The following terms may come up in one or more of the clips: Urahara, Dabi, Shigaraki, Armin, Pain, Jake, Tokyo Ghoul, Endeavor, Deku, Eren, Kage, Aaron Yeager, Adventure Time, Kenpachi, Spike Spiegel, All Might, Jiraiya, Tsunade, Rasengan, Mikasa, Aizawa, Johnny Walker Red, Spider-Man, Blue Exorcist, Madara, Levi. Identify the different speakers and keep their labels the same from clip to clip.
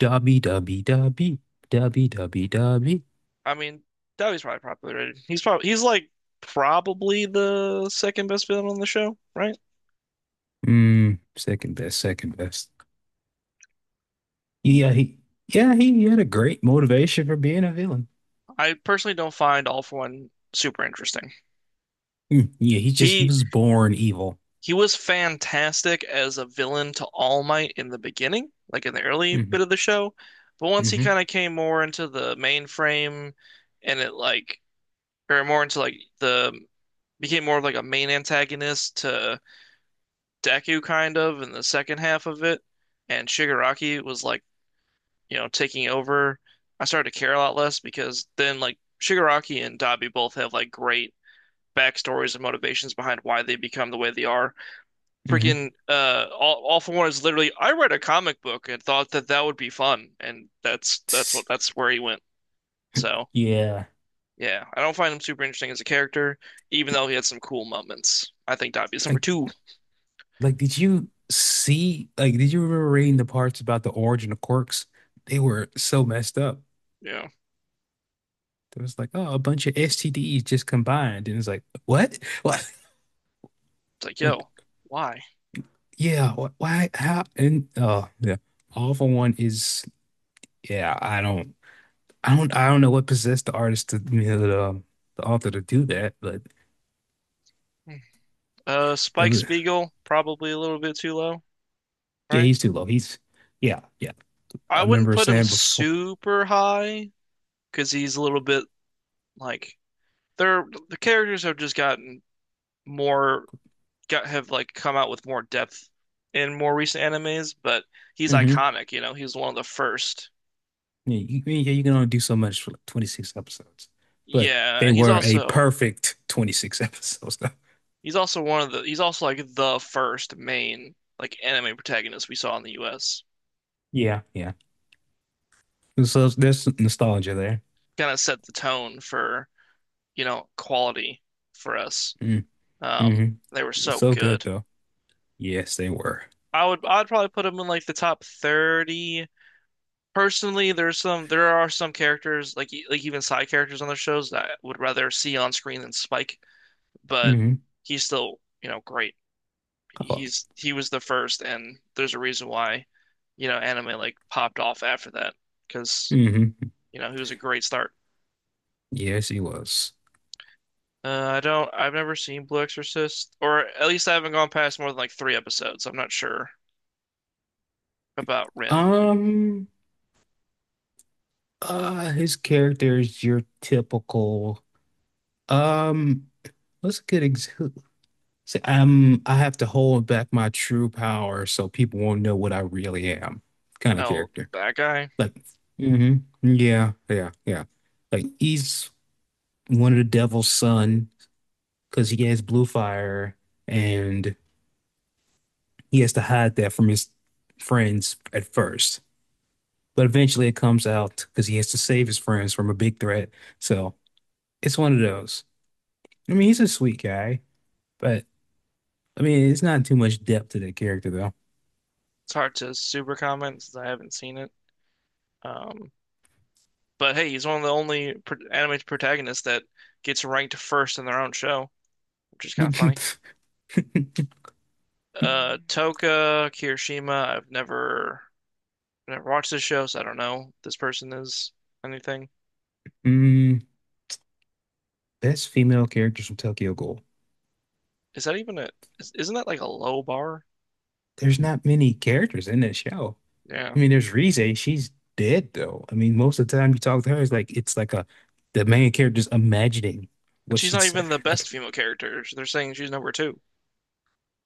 Speaker 1: Derby, derby, derby, derby, derby, derby.
Speaker 2: I mean, Dobby's probably popular, rated. He's probably the second best villain on the show, right?
Speaker 1: Second best, second best. Yeah, he, he had a great motivation for being a villain.
Speaker 2: I personally don't find All For One super interesting.
Speaker 1: Yeah, he just he
Speaker 2: He
Speaker 1: was born evil.
Speaker 2: he was fantastic as a villain to All Might in the beginning, like in the early
Speaker 1: Hmm
Speaker 2: bit of the show, but once he
Speaker 1: hmm
Speaker 2: kind of came more into the mainframe and it like or more into like the became more of like a main antagonist to Deku kind of in the second half of it, and Shigaraki was like, you know, taking over. I started to care a lot less because then like Shigaraki and Dabi both have like great backstories and motivations behind why they become the way they are.
Speaker 1: hmm
Speaker 2: Freaking all for one is literally I read a comic book and thought that would be fun and that's that's what that's where he went. So,
Speaker 1: Yeah.
Speaker 2: yeah, I don't find him super interesting as a character even
Speaker 1: Th-
Speaker 2: though he had some cool moments. I think Dabi is number
Speaker 1: Like,
Speaker 2: 2.
Speaker 1: like, did you see? Like, did you remember reading the parts about the origin of quirks? They were so messed up.
Speaker 2: You know,
Speaker 1: There was like, oh, a bunch of STDs just combined, and it's like, what? What?
Speaker 2: it's like, yo,
Speaker 1: Like,
Speaker 2: why?
Speaker 1: yeah, why, how, and oh yeah. All for One is, yeah, I don't know what possessed the artist to, the author to do that. But
Speaker 2: Hmm.
Speaker 1: that
Speaker 2: Spike
Speaker 1: was,
Speaker 2: Spiegel probably a little bit too low,
Speaker 1: yeah,
Speaker 2: right?
Speaker 1: he's too low. He's Yeah, yeah.
Speaker 2: I
Speaker 1: I
Speaker 2: wouldn't
Speaker 1: remember
Speaker 2: put him
Speaker 1: saying before.
Speaker 2: super high because he's a little bit like the characters have just gotten more got have like come out with more depth in more recent animes, but he's
Speaker 1: Hmm
Speaker 2: iconic, you know, he's one of the first.
Speaker 1: Yeah, I mean, yeah, you can only do so much for like 26 episodes. But
Speaker 2: Yeah,
Speaker 1: they
Speaker 2: and
Speaker 1: were a perfect 26 episodes though.
Speaker 2: he's also one of the he's also like the first main like anime protagonist we saw in the US.
Speaker 1: Yeah, yeah. So there's some nostalgia there.
Speaker 2: Kind of set the tone for, you know, quality for us. Um,
Speaker 1: Mm-hmm.
Speaker 2: they were so
Speaker 1: So good
Speaker 2: good.
Speaker 1: though. Yes, they were.
Speaker 2: I'd probably put him in like the top 30. Personally, there are some characters like like even side characters on their shows that I would rather see on screen than Spike, but
Speaker 1: Mm-hmm.
Speaker 2: he's still, you know, great.
Speaker 1: Oh.
Speaker 2: He was the first and there's a reason why, you know, anime like popped off after that because,
Speaker 1: Mm-hmm.
Speaker 2: you know, he was a great start.
Speaker 1: Yes, he was.
Speaker 2: I've never seen Blue Exorcist, or at least I haven't gone past more than like three episodes. I'm not sure about Rin.
Speaker 1: Um, his character is your typical. Um, what's a good ex say, I have to hold back my true power so people won't know what I really am, kind of
Speaker 2: Oh,
Speaker 1: character.
Speaker 2: that guy.
Speaker 1: Like, hmm yeah, yeah, yeah. Like he's one of the devil's son because he has blue fire, and he has to hide that from his friends at first, but eventually it comes out because he has to save his friends from a big threat. So it's one of those. I mean, he's a sweet guy, but I mean, it's not too much depth to that character
Speaker 2: It's hard to super comment since I haven't seen it. Um, but hey, he's one of the only pro anime protagonists that gets ranked first in their own show, which is kind of
Speaker 1: though.
Speaker 2: funny. Toka Kirishima. I've never watched this show, so I don't know if this person is anything.
Speaker 1: Mm, best female characters from Tokyo Ghoul.
Speaker 2: Is that even a? Is- Isn't that like a low bar?
Speaker 1: There's not many characters in that show.
Speaker 2: Yeah,
Speaker 1: I mean, there's Rize. She's dead though. I mean, most of the time you talk to her, it's like, it's like a the main character's imagining
Speaker 2: and
Speaker 1: what
Speaker 2: she's
Speaker 1: she'd
Speaker 2: not
Speaker 1: say.
Speaker 2: even the
Speaker 1: I,
Speaker 2: best female character. They're saying she's number two.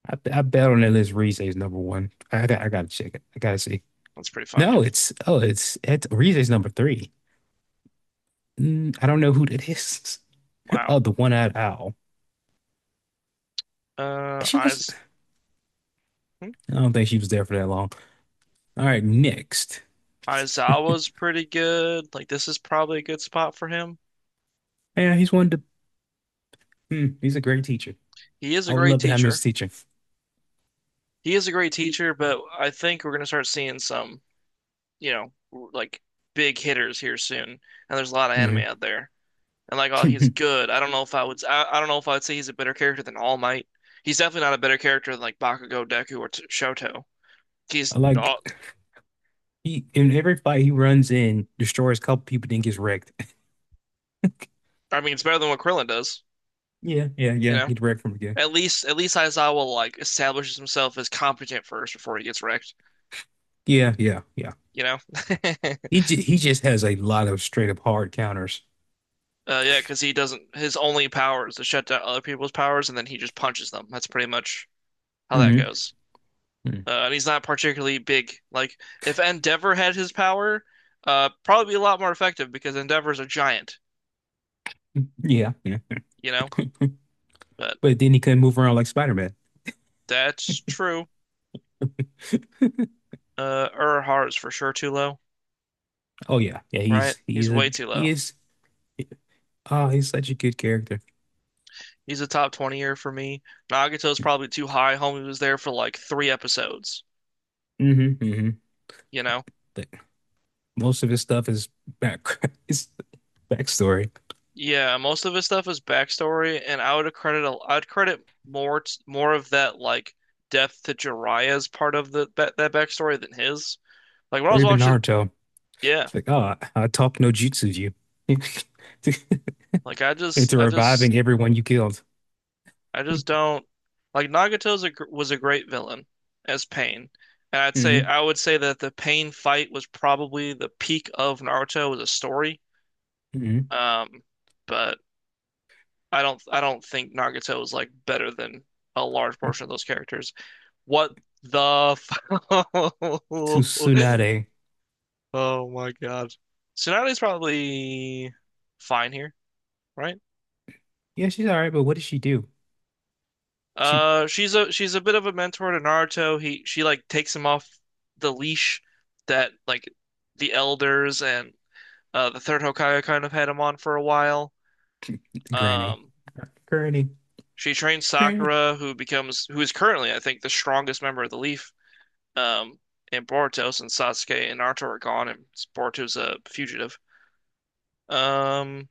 Speaker 1: I bet on that list Rize is number one. I gotta check it. I gotta see.
Speaker 2: That's pretty funny.
Speaker 1: No, it's, oh, it's Rize's number three. Mm, I don't know who that is. Oh,
Speaker 2: Wow.
Speaker 1: the one-eyed owl. She was.
Speaker 2: Eyes. Hmm.
Speaker 1: I don't think she was there for that long. All right, next.
Speaker 2: Aizawa's pretty good. Like this is probably a good spot for him.
Speaker 1: Yeah, he's one to. Mm, he's a great teacher.
Speaker 2: He is a
Speaker 1: I would
Speaker 2: great
Speaker 1: love to have him as
Speaker 2: teacher.
Speaker 1: a teacher.
Speaker 2: He is a great teacher, but I think we're gonna start seeing some, you know, like big hitters here soon. And there's a lot of anime
Speaker 1: Mhm.
Speaker 2: out there. And like, oh, he's
Speaker 1: I
Speaker 2: good. I don't know if I'd say he's a better character than All Might. He's definitely not a better character than like Bakugo, Deku, or T Shoto. He's.
Speaker 1: like
Speaker 2: All
Speaker 1: he, in every fight he runs in, destroys a couple people, then gets wrecked.
Speaker 2: I mean, it's better than what Krillin does.
Speaker 1: Yeah, yeah,
Speaker 2: You
Speaker 1: yeah.
Speaker 2: know,
Speaker 1: Get wrecked from again.
Speaker 2: at least Aizawa like establishes himself as competent first before he gets wrecked.
Speaker 1: Yeah, yeah, yeah.
Speaker 2: You know.
Speaker 1: He just has a lot of straight up hard counters.
Speaker 2: Yeah, because he doesn't. His only power is to shut down other people's powers, and then he just punches them. That's pretty much how that
Speaker 1: Hmm
Speaker 2: goes.
Speaker 1: Yeah,
Speaker 2: And he's not particularly big. Like if Endeavor had his power, probably be a lot more effective because Endeavor's a giant,
Speaker 1: yeah, yeah.
Speaker 2: you know. But
Speaker 1: But then he couldn't move around like Spider-Man.
Speaker 2: that's true. Urahara's for sure too low,
Speaker 1: Oh yeah, yeah.
Speaker 2: right? He's
Speaker 1: He's a,
Speaker 2: way too
Speaker 1: he
Speaker 2: low.
Speaker 1: is, oh he's such a good character.
Speaker 2: He's a top 20-er for me. Nagato's probably too high. Homie was there for like three episodes,
Speaker 1: Hmm hmm
Speaker 2: you know.
Speaker 1: But most of his stuff is back is backstory.
Speaker 2: Yeah, most of his stuff is backstory, and I'd credit more t more of that like death to Jiraiya's part of the that backstory than his. Like when I
Speaker 1: Or
Speaker 2: was
Speaker 1: even
Speaker 2: watching,
Speaker 1: Naruto.
Speaker 2: yeah,
Speaker 1: It's like, oh, I taught no jutsu you to,
Speaker 2: like I just
Speaker 1: into
Speaker 2: I just
Speaker 1: reviving everyone you killed.
Speaker 2: I just don't Nagato's was a great villain as Pain, and
Speaker 1: Hmm
Speaker 2: I would say that the Pain fight was probably the peak of Naruto as a story.
Speaker 1: hmm
Speaker 2: Um, but I don't think Nagato is like better than a large portion of those characters. What the f-
Speaker 1: To Tsunade.
Speaker 2: Oh my God. So Sonali's probably fine here, right?
Speaker 1: Yeah, she's all right, but what does she do? She
Speaker 2: Uh, she's a bit of a mentor to Naruto. He She like takes him off the leash that like the elders and the third Hokage kind of had him on for a while.
Speaker 1: Granny.
Speaker 2: Um
Speaker 1: Granny.
Speaker 2: she trains
Speaker 1: Granny.
Speaker 2: Sakura, who becomes who is currently I think the strongest member of the Leaf. Um and Boruto, since Sasuke and Naruto are gone and Boruto's a fugitive. Um,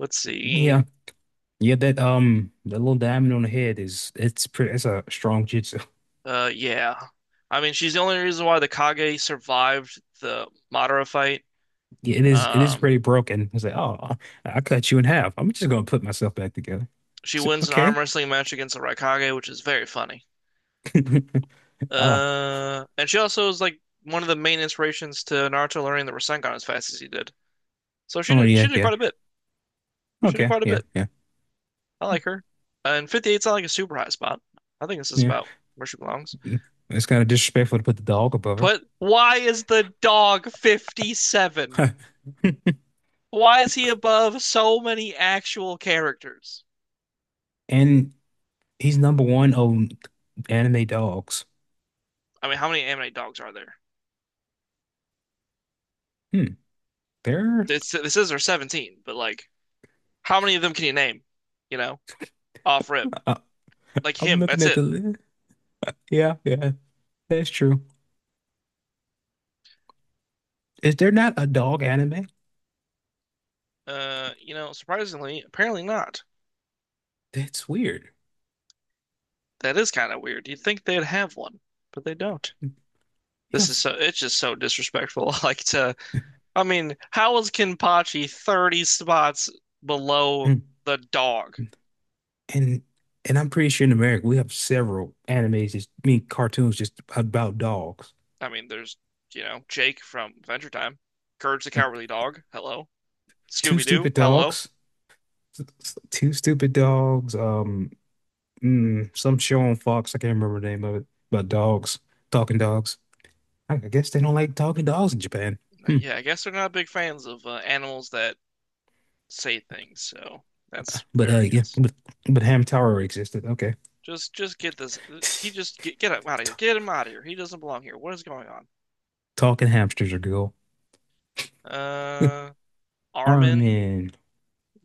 Speaker 2: let's see.
Speaker 1: Yeah. Yeah, that, that little diamond on the head, is, it's pretty, it's a strong jutsu.
Speaker 2: Yeah. I mean, she's the only reason why the Kage survived the Madara fight.
Speaker 1: Yeah, it is, it is
Speaker 2: Um,
Speaker 1: pretty broken. It's like, oh, I cut you in half. I'm just gonna put myself back together.
Speaker 2: she
Speaker 1: So,
Speaker 2: wins an arm
Speaker 1: okay.
Speaker 2: wrestling match against the Raikage, which is very funny.
Speaker 1: Ah,
Speaker 2: And she also is like one of the main inspirations to Naruto learning the Rasengan as fast as he did. So
Speaker 1: oh
Speaker 2: she
Speaker 1: yeah,
Speaker 2: did
Speaker 1: yeah.
Speaker 2: quite a bit. She did
Speaker 1: Okay,
Speaker 2: quite a
Speaker 1: yeah,
Speaker 2: bit.
Speaker 1: yeah,
Speaker 2: I like her. And 58's not like a super high spot. I think this is
Speaker 1: yeah.
Speaker 2: about where she belongs.
Speaker 1: Mm. It's kind of disrespectful to put the dog above
Speaker 2: But why is the dog 57?
Speaker 1: her.
Speaker 2: Why is he above so many actual characters?
Speaker 1: And he's number one on anime dogs.
Speaker 2: I mean, how many anime dogs are there?
Speaker 1: Hmm. There,
Speaker 2: This is their 17, but like how many of them can you name? You know, off rip.
Speaker 1: I,
Speaker 2: Like
Speaker 1: I'm
Speaker 2: him,
Speaker 1: looking
Speaker 2: that's
Speaker 1: at
Speaker 2: it.
Speaker 1: the list. Yeah, yeah, that's true. Is there not a dog anime?
Speaker 2: You know, surprisingly, apparently not.
Speaker 1: That's weird.
Speaker 2: That is kind of weird. You'd think they'd have one, but they don't.
Speaker 1: Yeah.
Speaker 2: This is so it's just so disrespectful. Like to I mean, how is Kenpachi 30 spots below
Speaker 1: hmm.
Speaker 2: the dog?
Speaker 1: And I'm pretty sure in America we have several animes, just I mean cartoons just about dogs.
Speaker 2: I mean, there's, you know, Jake from Adventure Time, Courage the
Speaker 1: Like
Speaker 2: Cowardly Dog. Hello.
Speaker 1: Two
Speaker 2: Scooby
Speaker 1: Stupid
Speaker 2: Doo. Hello.
Speaker 1: Dogs. Two Stupid Dogs. Mm, some show on Fox, I can't remember the name of it, about dogs, talking dogs. I guess they don't like talking dogs in Japan. Hmm.
Speaker 2: Yeah, I guess they're not big fans of animals that say things, so that's
Speaker 1: But,
Speaker 2: fair,
Speaker 1: uh,
Speaker 2: I
Speaker 1: yeah,
Speaker 2: guess.
Speaker 1: but Hamtaro existed. Okay.
Speaker 2: Just get this. uh,
Speaker 1: T-
Speaker 2: He just get get out of here. Get him out of here. He doesn't belong here. What is going on?
Speaker 1: Talking hamsters are cool.
Speaker 2: Uh, Armin.
Speaker 1: Armin.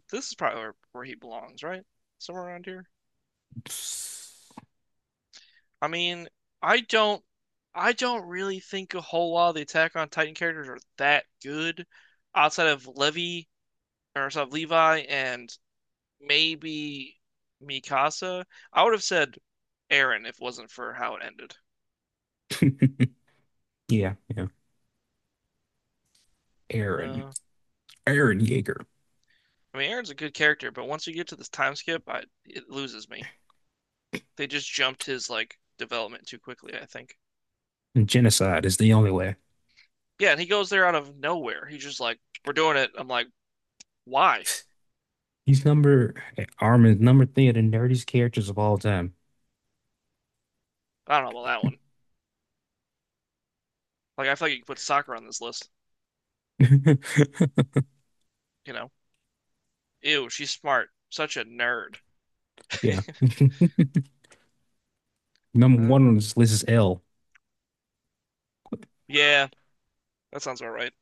Speaker 2: This is probably where he belongs, right? Somewhere around here. I mean, I don't. I don't really think a whole lot of the Attack on Titan characters are that good outside of Levi, or outside of Levi and maybe Mikasa. I would have said Aaron if it wasn't for how it ended.
Speaker 1: Yeah, yeah. Aaron.
Speaker 2: Uh,
Speaker 1: Aaron Yeager.
Speaker 2: I mean, Aaron's a good character, but once you get to this time skip, I it loses me. They just jumped his like development too quickly, I think.
Speaker 1: Genocide is the only way.
Speaker 2: Yeah, and he goes there out of nowhere. He's just like, "We're doing it." I'm like, "Why?"
Speaker 1: He's number Armin's number three of the nerdiest characters of all time.
Speaker 2: I don't know about that one. Like, I feel like you could put soccer on this list. You know, ew, she's smart. Such a nerd.
Speaker 1: Yeah. Number
Speaker 2: Uh,
Speaker 1: one on this list is L.
Speaker 2: yeah, that sounds about right.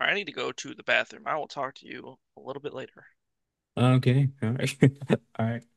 Speaker 2: All right, I need to go to the bathroom. I will talk to you a little bit later.
Speaker 1: Okay. All right. All right.